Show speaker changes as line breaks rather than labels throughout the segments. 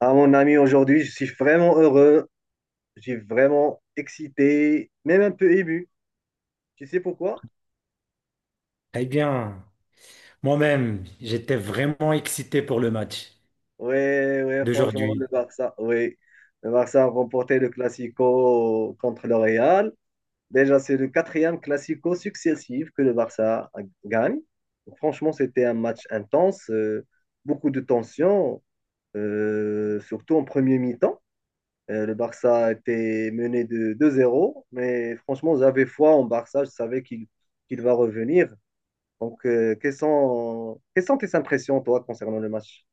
Ah, mon ami, aujourd'hui, je suis vraiment heureux. Je suis vraiment excité, même un peu ému. Tu sais pourquoi?
Eh bien, moi-même, j'étais vraiment excité pour le match
Oui, oui, franchement, le
d'aujourd'hui.
Barça, oui. Le Barça a remporté le Classico contre le Real. Déjà, c'est le quatrième Classico successif que le Barça gagne. Franchement, c'était un match intense, beaucoup de tension, surtout en premier mi-temps. Le Barça était mené de 2-0, mais franchement, j'avais foi en Barça. Je savais qu'il va revenir. Donc, quelles sont tes impressions, toi, concernant le match?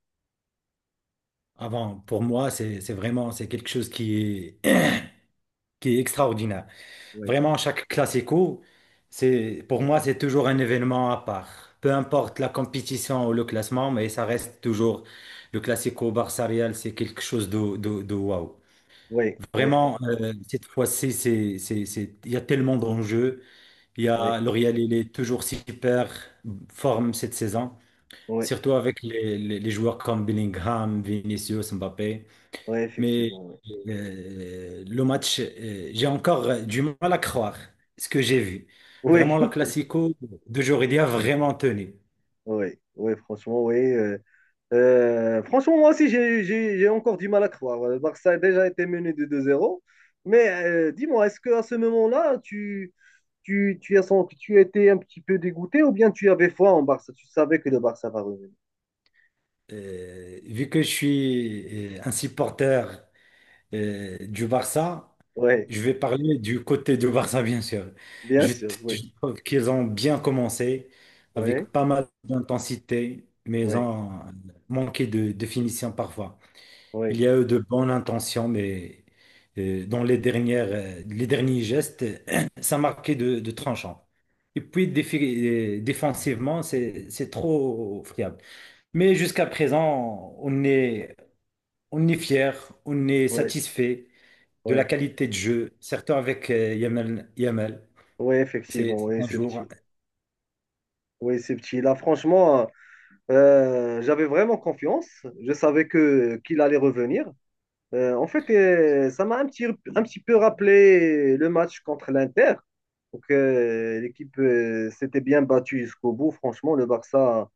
Avant, pour moi, c'est vraiment c'est quelque chose qui est, qui est extraordinaire.
Oui,
Vraiment, chaque classico, c'est pour moi, c'est toujours un événement à part. Peu importe la compétition ou le classement, mais ça reste toujours le classico Barça-Real, c'est quelque chose de waouh.
oui, oui,
Vraiment, cette fois-ci, c'est il y a tellement d'enjeux. Il y
oui,
a, le Real, il est toujours super forme cette saison.
oui,
Surtout avec les joueurs comme Bellingham, Vinicius, Mbappé.
oui,
Mais
effectivement, oui.
le match, j'ai encore du mal à croire ce que j'ai vu.
Oui,
Vraiment, le Classico d'aujourd'hui a vraiment tenu.
oui, oui. Franchement, moi aussi, j'ai encore du mal à croire. Le Barça a déjà été mené de 2-0. Mais dis-moi, est-ce qu'à ce moment-là, tu as sens tu étais un petit peu dégoûté ou bien tu avais foi en Barça? Tu savais que le Barça va revenir.
Vu que je suis un supporter du Barça,
Oui,
je vais parler du côté du Barça, bien sûr.
bien sûr, oui.
Je trouve qu'ils ont bien commencé
Oui,
avec pas mal d'intensité, mais ils
oui,
ont manqué de finition parfois.
oui,
Il y a eu de bonnes intentions, mais dans les dernières, les derniers gestes, ça marquait de tranchant. Et puis défi- Défensivement, c'est trop friable. Mais jusqu'à présent, on est fier, on est
oui,
satisfait de la
oui.
qualité de jeu, surtout avec Yamal. Yamal.
Oui, effectivement,
C'est
oui,
un
ce
jour,
petit. Oui, ce petit. Là, franchement, j'avais vraiment confiance. Je savais que qu'il allait revenir. En fait, ça m'a un petit peu rappelé le match contre l'Inter. Donc, l'équipe s'était bien battue jusqu'au bout. Franchement, le Barça,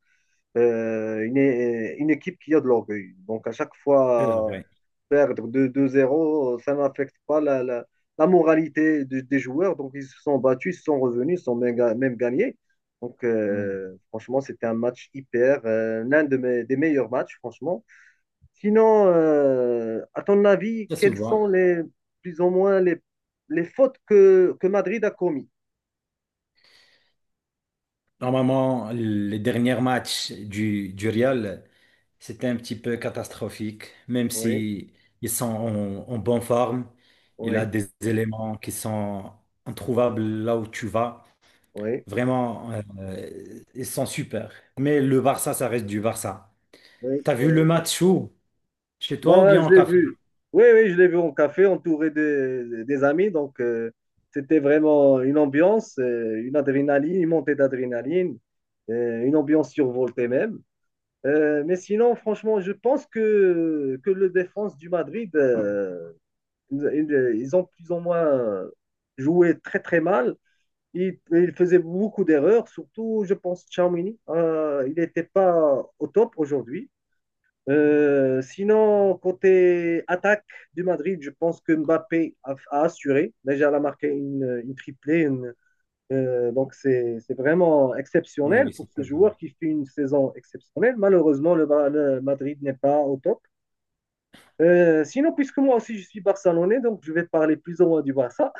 une équipe qui a de l'orgueil. Donc, à chaque
c'est
fois,
vrai.
perdre 2 2-0, ça n'affecte pas la moralité des joueurs. Donc, ils se sont battus, ils se sont revenus, ils se sont même gagnés. Donc,
Mm.
franchement, c'était un match hyper, l'un de mes, des meilleurs matchs, franchement. Sinon, à ton avis,
Ça se
quelles
voit.
sont les plus ou moins les fautes que Madrid a commises?
Normalement, les derniers matchs du Real, c'était un petit peu catastrophique, même
Oui,
si ils sont en bonne forme. Il a
oui,
des éléments qui sont introuvables là où tu vas.
oui,
Vraiment, ils sont super. Mais le Barça, ça reste du Barça.
oui,
T'as vu le
oui.
match où? Chez toi ou
Moi,
bien
je
en
l'ai vu.
café?
Oui, oui, je l'ai vu en café, entouré des amis. Donc, c'était vraiment une ambiance, une adrénaline, une montée d'adrénaline, une ambiance survoltée même. Mais sinon, franchement, je pense que le défense du Madrid, Ils ils ont plus ou moins joué très très mal. Il faisait beaucoup d'erreurs, surtout, je pense, Charmini. Il n'était pas au top aujourd'hui. Sinon, côté attaque du Madrid, je pense que Mbappé a assuré. Déjà, il a marqué une triplée. Donc, c'est vraiment
Oui,
exceptionnel
oui,
pour
c'est
ce
très bien.
joueur qui fait une saison exceptionnelle. Malheureusement, le Madrid n'est pas au top. Sinon, puisque moi aussi je suis barcelonais, donc je vais parler plus ou moins du Barça.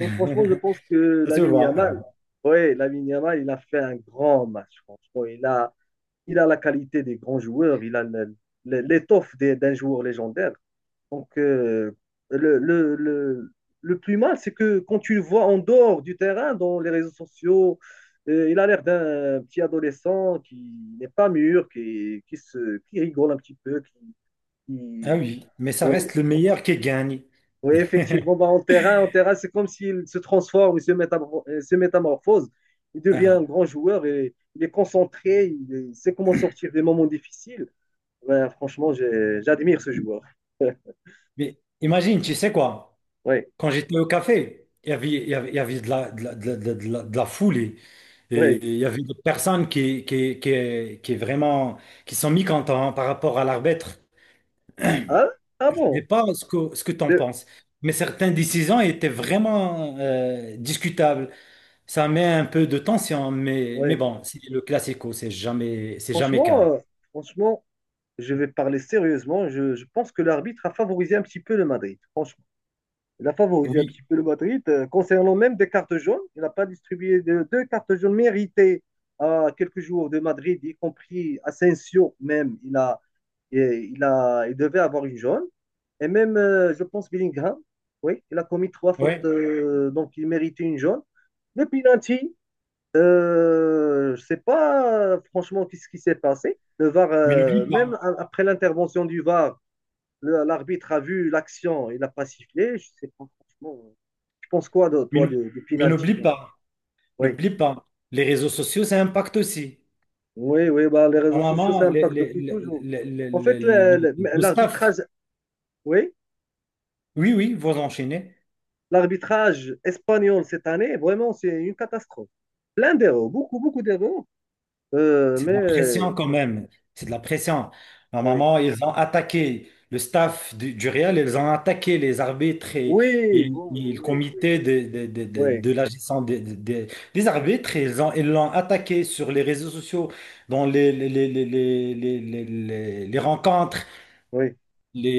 Donc, franchement, je pense que
Ça se
Lamine
voit.
Yamal, ouais, Lamine Yamal, il a fait un grand match, franchement. Il a la qualité des grands joueurs, il a l'étoffe d'un joueur légendaire. Donc, le, le, le, le plus mal, c'est que quand tu le vois en dehors du terrain, dans les réseaux sociaux, il a l'air d'un petit adolescent qui n'est pas mûr, qui rigole un petit peu,
Ah
qui,
oui, mais ça
ouais,
reste le meilleur qui gagne.
oui, effectivement, bah, en terrain, c'est comme s'il se transforme, il se métamorphose, il devient un
Ah,
grand joueur, et, il est concentré, il sait comment sortir des moments difficiles. Ben franchement, j'admire ce joueur.
mais imagine, tu sais quoi?
Oui,
Quand j'étais au café, il y avait de la, de la, de la, de la foule et
oui.
il y avait des personnes qui vraiment, qui sont mécontentes par rapport à l'arbitre.
Ah, ah
Je ne sais
bon?
pas ce que tu en
De-
penses, mais certaines décisions étaient vraiment discutables. Ça met un peu de tension, mais
ouais.
bon, c'est le classico, c'est jamais
Franchement,
calme.
franchement, je vais parler sérieusement. Je pense que l'arbitre a favorisé un petit peu le Madrid. Franchement. Il a favorisé un
Oui,
petit peu le Madrid. Concernant même des cartes jaunes, il n'a pas distribué deux cartes jaunes méritées à quelques joueurs de Madrid, y compris Asensio même. Il devait avoir une jaune. Et même, je pense, Bellingham, oui, il a commis trois fautes,
ouais,
donc il méritait une jaune. Le penalty, je ne sais pas franchement qu'est-ce qui s'est passé. Le VAR,
mais n'oublie
même
pas,
après l'intervention du VAR, l'arbitre a vu l'action, il n'a pas sifflé. Je ne sais pas franchement. Tu penses quoi, de,
mais
toi,
n'ou-
du
mais n'oublie
penalty?
pas,
Oui,
n'oublie pas, les réseaux sociaux, ça impacte aussi.
oui, oui, bah, les réseaux sociaux, ça
Normalement,
impacte depuis toujours.
le- le-
En fait,
le staff,
l'arbitrage, oui,
oui, oui, vous enchaînez.
l'arbitrage espagnol cette année, vraiment, c'est une catastrophe. Plein d'erreurs, beaucoup, beaucoup d'erreurs.
C'est de
Mais,
la pression quand même. C'est de la pression.
oui,
Normalement, ils ont attaqué le staff du Real, ils ont attaqué les arbitres et, et-
oui,
et
bon,
le
oui, oui,
comité
oui,
de la gestion des des arbitres. Ils l'ont attaqué sur les réseaux sociaux, dans les rencontres.
oui,
Les...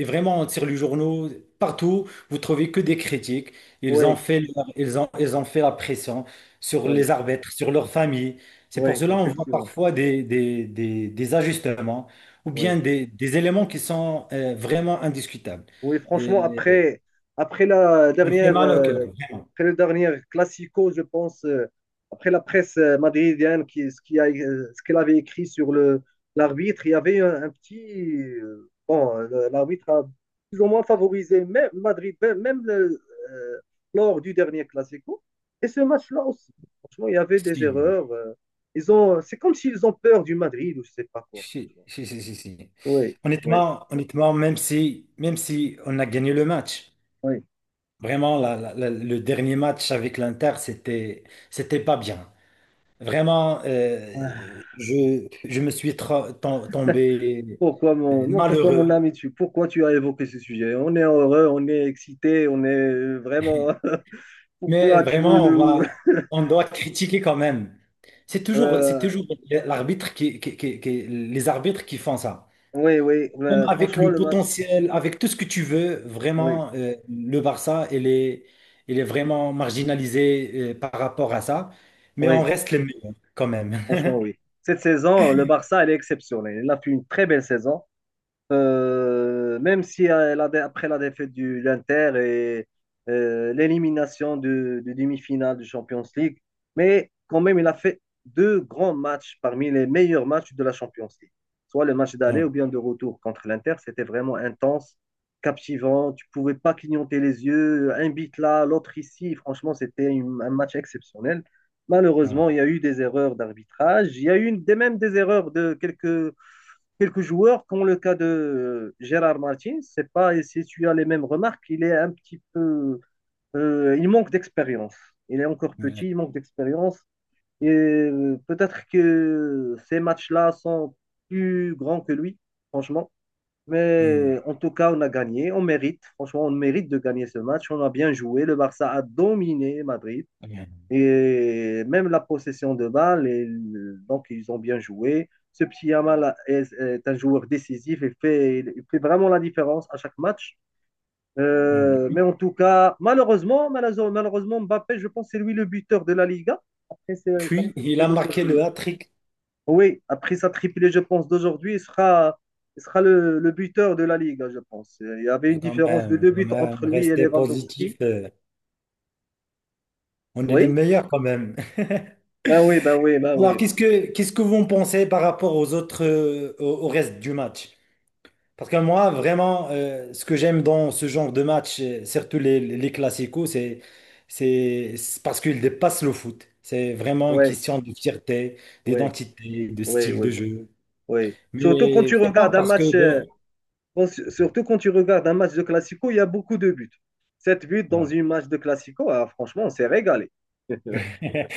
et vraiment, on tire les journaux partout, vous trouvez que des critiques.
oui,
Ils ont fait la pression sur
oui,
les arbitres, sur leurs familles. C'est pour
oui,
cela on voit
effectivement,
parfois des ajustements ou bien
oui.
des éléments qui sont vraiment indiscutables.
Oui, franchement,
Et
après, après la
on fait
dernière,
mal au cœur.
après le dernier Classico, je pense, après la presse madridienne, qui, ce qui a, ce qu'elle avait écrit sur l'arbitre, il y avait un petit. Bon, l'arbitre a plus ou moins favorisé même Madrid, même euh, lors du dernier Classico. Et ce match-là aussi. Franchement, il y avait des
Si,
erreurs. Ils ont, c'est comme s'ils ont peur du Madrid ou je sais pas quoi.
si, si, si, si, si.
Oui, oui,
Honnêtement, honnêtement, même si on a gagné le match,
oui.
vraiment, le dernier match avec l'Inter, c'était pas bien. Vraiment,
Ah.
je me suis tombé
Pourquoi mon, non, pourquoi
malheureux.
mon ami, tu, pourquoi tu as évoqué ce sujet? On est heureux, on est excité, on est vraiment.
Mais
Pourquoi tu veux
vraiment,
nous.
on doit critiquer quand même. C'est
Euh,
toujours l'arbitre les arbitres qui font ça.
oui, oui,
Même avec
franchement,
le
le match.
potentiel, avec tout ce que tu veux,
Oui,
vraiment, le Barça, il est vraiment marginalisé, par rapport à ça. Mais on
oui,
reste les meilleurs quand même.
franchement, oui. Cette saison, le Barça, elle est exceptionnelle. Elle a fait une très belle saison. Même si après la défaite de l'Inter et l'élimination de demi-finale du Champions League, mais quand même, il a fait deux grands matchs parmi les meilleurs matchs de la Champions League. Soit le match d'aller
Ouais,
ou bien de retour contre l'Inter, c'était vraiment intense, captivant, tu pouvais pas clignoter les yeux, un but là, l'autre ici, franchement, c'était un match exceptionnel. Malheureusement,
voilà.
il y a eu des erreurs d'arbitrage, il y a eu même des erreurs de quelques joueurs, comme le cas de Gérard Martin, c'est pas si tu as les mêmes remarques, il est un petit peu, il manque d'expérience. Il est encore
Ouais.
petit, il manque d'expérience. Et peut-être que ces matchs-là sont plus grands que lui, franchement.
Mm,
Mais en tout cas, on a gagné, on mérite. Franchement, on mérite de gagner ce match. On a bien joué. Le Barça a dominé Madrid.
ouais,
Et même la possession de balle, et donc ils ont bien joué. Ce petit Yamal est un joueur décisif et il fait vraiment la différence à chaque match. Mais
mm.
en tout cas, malheureusement, Mbappé, je pense, c'est lui le buteur de la Liga. Après sa
Puis, il
triplée
a marqué
d'aujourd'hui.
le hat.
Oui, après sa triplée, je pense, d'aujourd'hui, il sera le buteur de la Liga, je pense. Il y avait une
Mais
différence de deux
quand
buts entre
même,
lui et
restez positif.
Lewandowski.
On est les
Oui,
meilleurs quand même.
ben oui, ben oui, ben
Alors,
oui.
qu'est-ce que vous en pensez par rapport aux autres, au, au reste du match? Parce que moi, vraiment, ce que j'aime dans ce genre de match, surtout les classicos, c'est parce qu'ils dépassent le foot. C'est vraiment une
Oui,
question de fierté,
oui,
d'identité, de
oui,
style de
oui.
jeu.
Oui. Surtout quand
Mais
tu
je sais pas
regardes un
parce
match,
que bon,
surtout quand tu regardes un match de Classico, il y a beaucoup de buts. Sept buts dans
voilà.
une match de Classico, ah, franchement, on s'est régalé.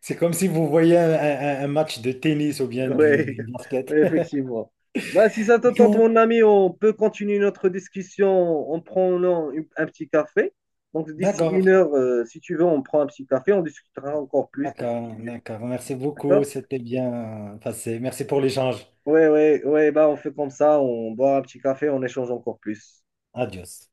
C'est comme si vous voyez un match de tennis ou
Oui,
bien du
oui,
basket.
effectivement. Bah, si ça te
Du
tente,
coup,
mon ami, on peut continuer notre discussion en prenant un petit café. Donc, d'ici
d'accord,
une heure, si tu veux, on prend un petit café, on discutera encore plus de ce sujet.
d'accord. Merci beaucoup.
D'accord?
C'était bien passé. Merci pour l'échange.
Oui, oui, oui, bah, on fait comme ça, on boit un petit café, on échange encore plus.
Adios.